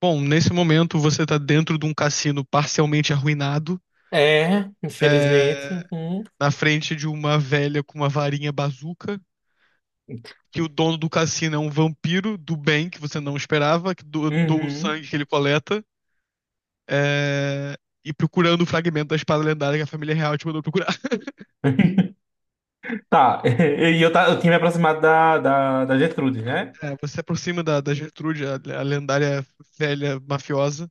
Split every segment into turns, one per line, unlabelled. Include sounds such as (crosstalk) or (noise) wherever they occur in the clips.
Bom, nesse momento você está dentro de um cassino parcialmente arruinado,
É, infelizmente.
é,
Uhum.
na frente de uma velha com uma varinha bazuca, que o dono do cassino é um vampiro do bem que você não esperava, que doa o
Uhum.
sangue que ele coleta, é, e procurando o fragmento da espada lendária que a família real te mandou procurar. (laughs)
(laughs) Tá, (laughs) e eu, eu tinha me aproximado da Gertrude, né?
É, você se aproxima da Gertrude, a lendária velha mafiosa. O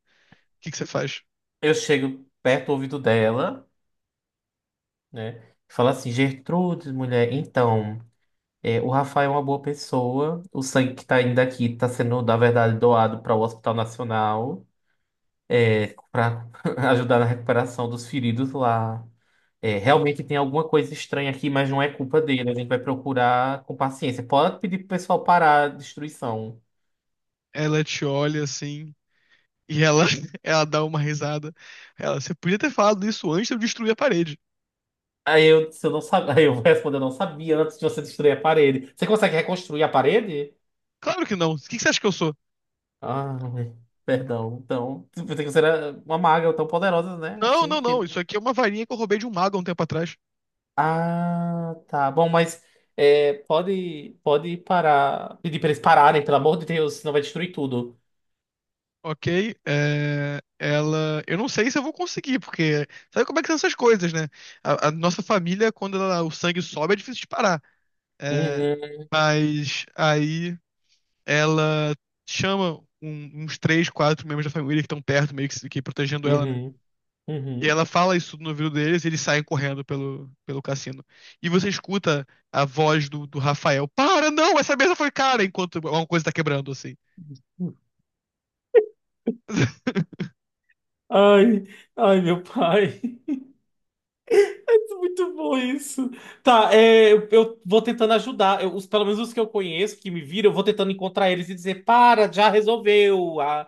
que que você faz?
Eu chego perto do ouvido dela, né? Falo assim, Gertrudes, mulher, então, o Rafael é uma boa pessoa, o sangue que tá indo aqui tá sendo, na verdade, doado para o Hospital Nacional, para (laughs) ajudar na recuperação dos feridos lá. É, realmente tem alguma coisa estranha aqui, mas não é culpa dele. A gente vai procurar com paciência. Pode pedir pro pessoal parar a destruição.
Ela te olha assim, e ela, (laughs) ela dá uma risada. Ela, você podia ter falado isso antes de eu destruir a parede.
Se eu não sabia, (laughs) aí eu vou responder, eu não sabia antes de você destruir a parede. Você consegue reconstruir a parede?
Claro que não. O que você acha que eu sou?
Ah, perdão. Então, eu pensei que você era uma maga tão poderosa, né?
Não,
Assim,
não, não.
porque...
Isso aqui é uma varinha que eu roubei de um mago há um tempo atrás.
Ah, tá. Bom, mas pode parar. Pedir pra eles pararem, pelo amor de Deus, senão vai destruir tudo.
Ok? É, Ela. Eu não sei se eu vou conseguir, porque. Sabe como é que são essas coisas, né? A nossa família, quando o sangue sobe, é difícil de parar. É,
Uhum,
mas aí ela chama uns três, quatro membros da família que estão perto, meio que, que protegendo ela, né?
uhum,
E
uhum.
ela fala isso no ouvido deles e eles saem correndo pelo cassino. E você escuta a voz do Rafael: Para, não, essa mesa foi cara! Enquanto alguma coisa tá quebrando, assim. (laughs)
Ai, ai, meu pai. (laughs) Muito bom isso. Tá, eu vou tentando ajudar. Os, pelo menos os que eu conheço, que me viram, eu vou tentando encontrar eles e dizer: para, já resolveu. A,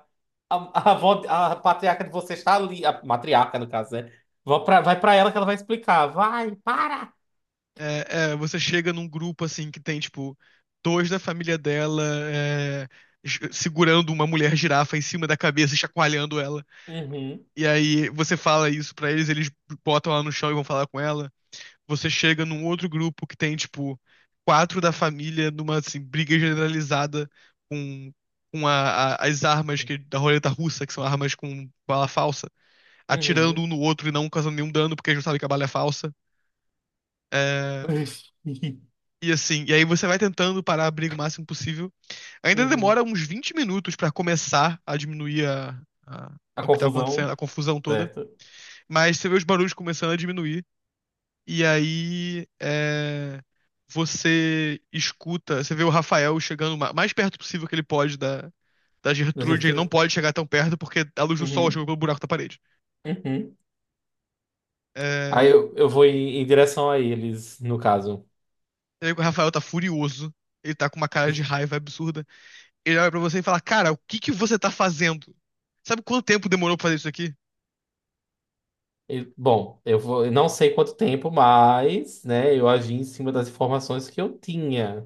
a, a, avó- a patriarca de você está ali. A matriarca, no caso, né? Vai pra ela que ela vai explicar. Vai, para!
É, é, você chega num grupo, assim, que tem, tipo, dois da família dela, é, segurando uma mulher girafa em cima da cabeça e chacoalhando ela.
Uhum,
E aí você fala isso pra eles, eles botam ela no chão e vão falar com ela. Você chega num outro grupo que tem, tipo, quatro da família numa, assim, briga generalizada com, com as armas que, da roleta russa, que são armas com bala falsa, atirando um
uhum.
no outro e não causando nenhum dano, porque eles não sabem que a bala é falsa. É,
(laughs)
e assim, e aí você vai tentando parar a briga o máximo possível. Ainda
Uhum.
demora uns 20 minutos pra começar a diminuir a, a-
A
o que tá
confusão,
acontecendo, a confusão toda,
certo?
mas você vê os barulhos começando a diminuir. E aí é, você escuta, você vê o Rafael chegando mais perto possível que ele pode da, da
(laughs) Da
Gertrude. Ele
gestura.
não pode chegar tão perto porque a luz do sol
Uhum,
chegou pelo buraco da parede.
uhum. Aí
É,
eu vou em direção a eles, no caso.
e aí o Rafael tá furioso. Ele tá com uma cara de raiva absurda. Ele olha pra você e fala: Cara, o que você tá fazendo? Sabe quanto tempo demorou pra fazer isso aqui?
Bom, eu não sei quanto tempo, mas, né, eu agi em cima das informações que eu tinha.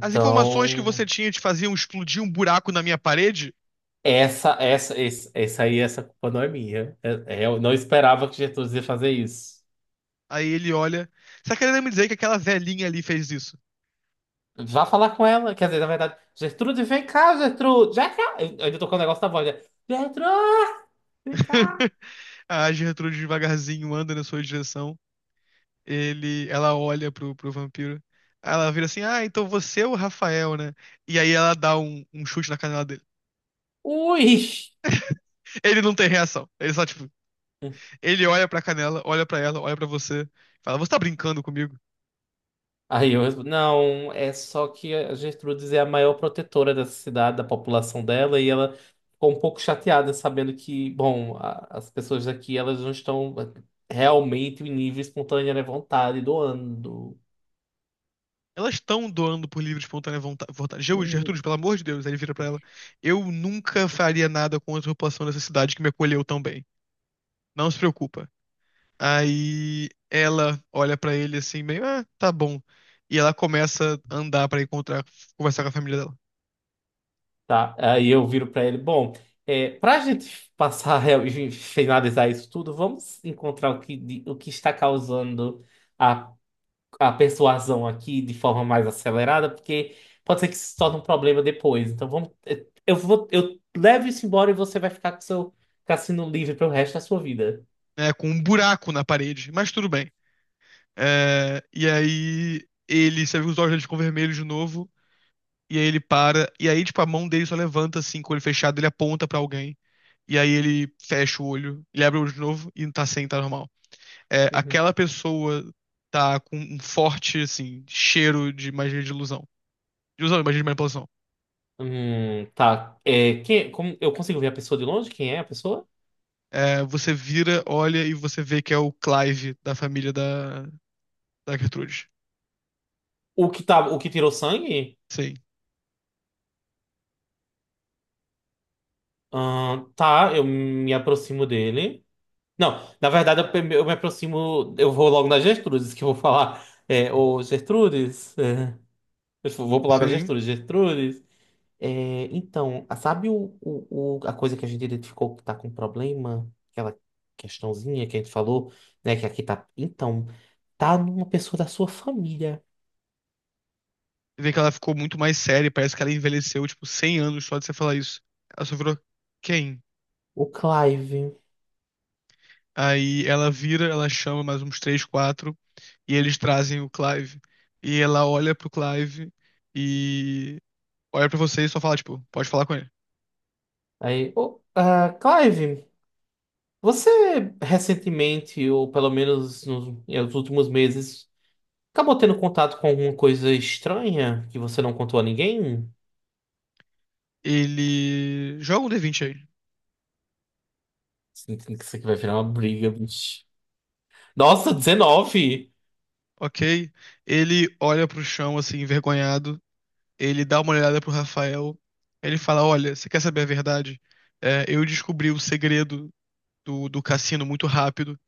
As informações que você tinha te faziam explodir um buraco na minha parede?
essa, esse- essa aí, essa culpa não é minha. Eu não esperava que Gertrudes ia fazer isso.
Aí ele olha. Você tá querendo me dizer que aquela velhinha ali fez isso?
Vá falar com ela. Quer dizer, na verdade, Gertrude, vem cá, Gertrude. Já cá. Eu ainda tô com o negócio na voz, né? Gertrude, vem cá.
(laughs) A Gertrude devagarzinho anda na sua direção. Ele, ela olha pro, pro vampiro. Aí ela vira assim: Ah, então você é o Rafael, né? E aí ela dá um, um chute na canela dele.
Ui!
Ele não tem reação. Ele só, tipo, ele olha pra canela, olha pra ela, olha pra você. Fala: Você tá brincando comigo?
Aí eu respondo, não, é só que a Gertrudes é a maior protetora dessa cidade, da população dela, e ela ficou um pouco chateada sabendo que, bom, as pessoas daqui, elas não estão realmente em nível espontâneo, né, vontade, doando,
Elas estão doando por livre e espontânea vontade.
Hum,
Gertrude, pelo amor de Deus. Aí ele vira pra ela: Eu nunca faria nada contra a população dessa cidade que me acolheu tão bem. Não se preocupa. Aí ela olha pra ele assim, meio, ah, tá bom. E ela começa a andar pra encontrar, conversar com a família dela,
tá? Aí eu viro pra ele, bom, pra gente passar (laughs) e finalizar isso tudo, vamos encontrar o que, o que está causando a a persuasão aqui de forma mais acelerada, porque pode ser que isso se torne um problema depois. Então vamos, eu levo isso embora e você vai ficar com seu cassino livre pro resto da sua vida.
né? Com um buraco na parede, mas tudo bem. É, e aí ele, você vê que os olhos dele ficam vermelhos de novo, e aí ele para, e aí, tipo, a mão dele só levanta assim, com o olho fechado, ele aponta pra alguém, e aí ele fecha o olho, ele abre o olho de novo e tá sem, tá normal. É,
Uhum.
aquela pessoa tá com um forte, assim, cheiro de magia de ilusão. De ilusão, magia de manipulação.
Tá. Quem, como, eu consigo ver a pessoa de longe? Quem é a pessoa?
É, você vira, olha e você vê que é o Clive da família da, da Gertrude.
O que tirou sangue?
Sim,
Tá, eu me aproximo dele. Não, na verdade eu me aproximo, eu vou logo na Gertrudes que eu vou falar. Ô Gertrudes, eu vou pro lado da
sim.
Gertrudes, Gertrudes. Então, sabe a coisa que a gente identificou que está com problema? Aquela questãozinha que a gente falou, né? Que aqui tá. Então, tá numa pessoa da sua família,
Você vê que ela ficou muito mais séria, parece que ela envelheceu, tipo, 100 anos só de você falar isso. Ela só virou quem?
o Clive.
Aí ela vira, ela chama mais uns três, quatro, e eles trazem o Clive. E ela olha pro Clive e olha pra você e só fala, tipo, pode falar com ele.
Aí, ô, ah, Clive, você recentemente, ou pelo menos nos últimos meses, acabou tendo contato com alguma coisa estranha que você não contou a ninguém?
Ele joga um D20 aí,
Sinto que isso aqui vai virar uma briga, bicho. Nossa, 19.
ok? Ele olha pro chão, assim, envergonhado, ele dá uma olhada pro Rafael, ele fala: Olha, você quer saber a verdade? É, eu descobri o segredo do cassino muito rápido.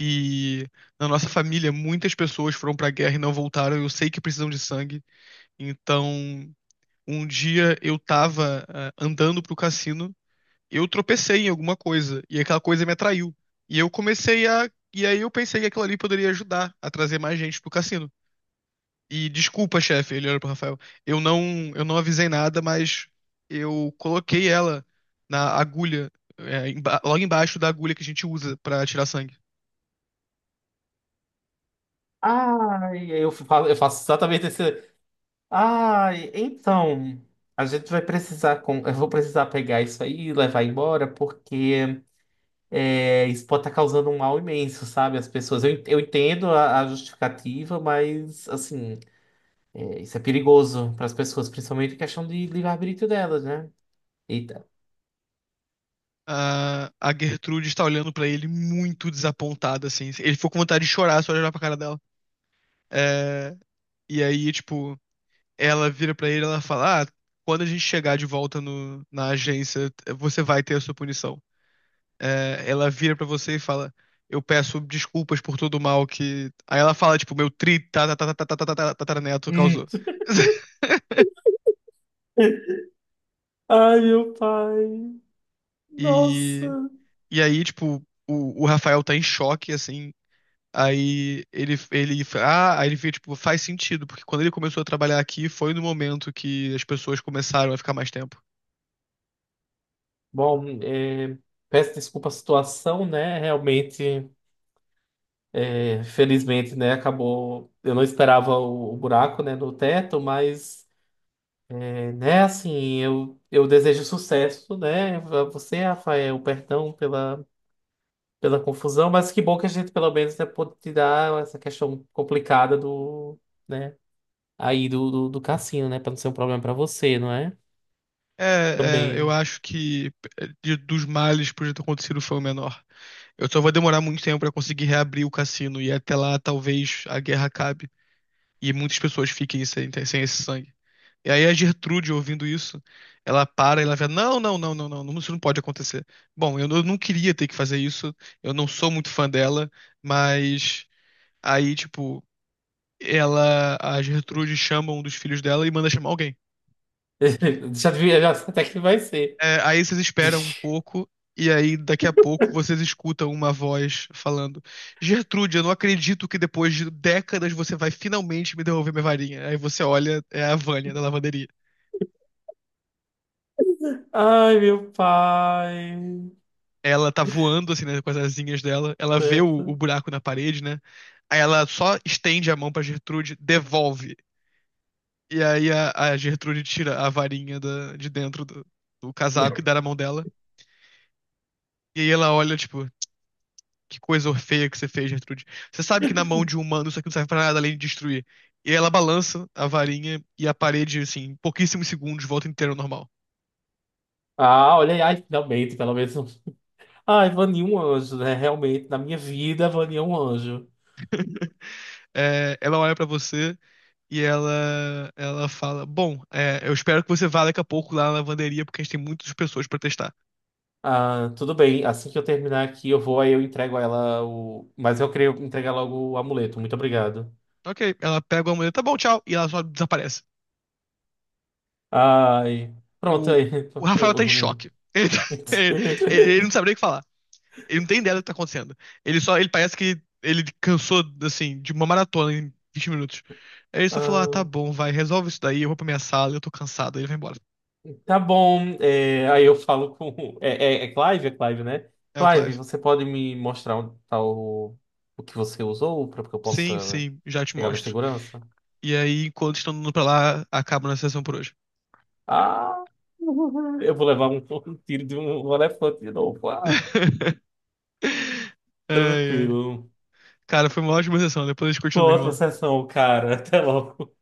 E na nossa família, muitas pessoas foram pra guerra e não voltaram. Eu sei que precisam de sangue. Então, um dia eu tava, ah, andando pro cassino, eu tropecei em alguma coisa, e aquela coisa me atraiu. E eu comecei a. E aí eu pensei que aquilo ali poderia ajudar a trazer mais gente pro cassino. E desculpa, chefe, ele olha pro Rafael. Eu não, eu não avisei nada, mas eu coloquei ela na agulha, é, logo embaixo da agulha que a gente usa pra tirar sangue.
Ai, eu faço exatamente esse. Ah, então, a gente vai precisar, com... eu vou precisar pegar isso aí e levar embora, porque isso pode estar causando um mal imenso, sabe? As pessoas, eu entendo a justificativa, mas, assim, isso é perigoso para as pessoas, principalmente em questão de livre-arbítrio delas, né? Eita.
A Gertrude está olhando pra ele muito desapontada, assim. Ele ficou com vontade de chorar só de olhar pra cara dela. É, e aí, tipo, ela vira pra ele, e ela fala: "Ah, quando a gente chegar de volta no, na agência, você vai ter a sua punição. É, ela vira pra você e fala: Eu peço desculpas por todo o mal que. Aí ela fala, tipo, meu tri tá- tá- tá- tá- tá- tá- tá- tá tataraneto
Hum.
causou. (laughs)
(laughs) Ai, meu pai. Nossa.
E, e aí, tipo, o Rafael tá em choque, assim. Aí ele, ah, aí ele vê, tipo, faz sentido, porque quando ele começou a trabalhar aqui foi no momento que as pessoas começaram a ficar mais tempo.
Bom, peço desculpa a situação, né? Realmente. Infelizmente, né, acabou. Eu não esperava o buraco, né, no teto, mas, né, assim, eu desejo sucesso, né, a você, Rafael, perdão pela, pela confusão, mas que bom que a gente, pelo menos, né, pôde tirar essa questão complicada do, né, aí do, do cassino, né, para não ser um problema para você, não é?
É, é, eu
Também.
acho que é, dos males que podia ter acontecido foi o menor. Eu só vou demorar muito tempo pra conseguir reabrir o cassino e até lá talvez a guerra acabe e muitas pessoas fiquem sem, sem esse sangue. E aí a Gertrude, ouvindo isso, ela para e ela fala: Não, não, não, não, não, não, isso não pode acontecer. Bom, eu, eu não queria ter que fazer isso, eu não sou muito fã dela, mas aí, tipo, ela, a Gertrude chama um dos filhos dela e manda chamar alguém.
(laughs) Já devia, já sei até que vai ser.
É, aí vocês esperam um
(laughs)
pouco, e aí daqui a pouco vocês escutam uma voz falando: Gertrude, eu não acredito que depois de décadas você vai finalmente me devolver minha varinha. Aí você olha, é a Vânia da lavanderia.
Ai, meu pai.
Ela tá voando, assim, né, com as asinhas dela, ela vê o
Certo.
buraco na parede, né? Aí ela só estende a mão pra Gertrude, devolve. E aí a Gertrude tira a varinha de dentro do, do casaco e dá
(laughs)
na mão dela. E aí ela olha, tipo, Que coisa feia que você fez, Gertrude. Você sabe que na mão de um humano isso aqui não serve pra nada além de destruir. E ela balança a varinha e a parede, assim, em pouquíssimos segundos, volta inteira ao normal.
Ah, olha aí, ai, finalmente, pelo menos. Ai, Vani é um anjo, né? Realmente, na minha vida, Vani é um anjo.
É, ela olha pra você e ela fala: Bom, é, eu espero que você vá daqui a pouco lá na lavanderia, porque a gente tem muitas pessoas pra testar.
Ah, tudo bem, assim que eu terminar aqui, eu vou, aí eu entrego a ela o. Mas eu queria entregar logo o amuleto, muito obrigado.
Ok, ela pega uma mulher, tá bom, tchau, e ela só desaparece.
Ai, pronto,
O,
aí.
o Rafael tá em choque.
(laughs)
Ele, (laughs) ele- ele não sabe nem o que falar. Ele não tem ideia do que tá acontecendo. Ele só, ele parece que ele cansou, assim, de uma maratona em 20 minutos. Aí ele só falou, ah,
Ah,
tá bom, vai, resolve isso daí, eu vou pra minha sala, eu tô cansado, aí ele vai embora.
tá bom, aí eu falo com. É Clive? É Clive, né?
É o
Clive,
Clive.
você pode me mostrar onde tá o que você usou para que eu
Sim,
possa
sim, já te
pegar ela em
mostro.
segurança?
E aí, enquanto estão indo pra lá, acaba na sessão por hoje.
Ah! Eu vou levar um tiro de um elefante de novo. Ah,
(laughs) Ai, ai.
tranquilo.
Cara, foi uma ótima sessão, depois a gente
Boa
continua,
outra
irmão.
sessão, cara. Até logo.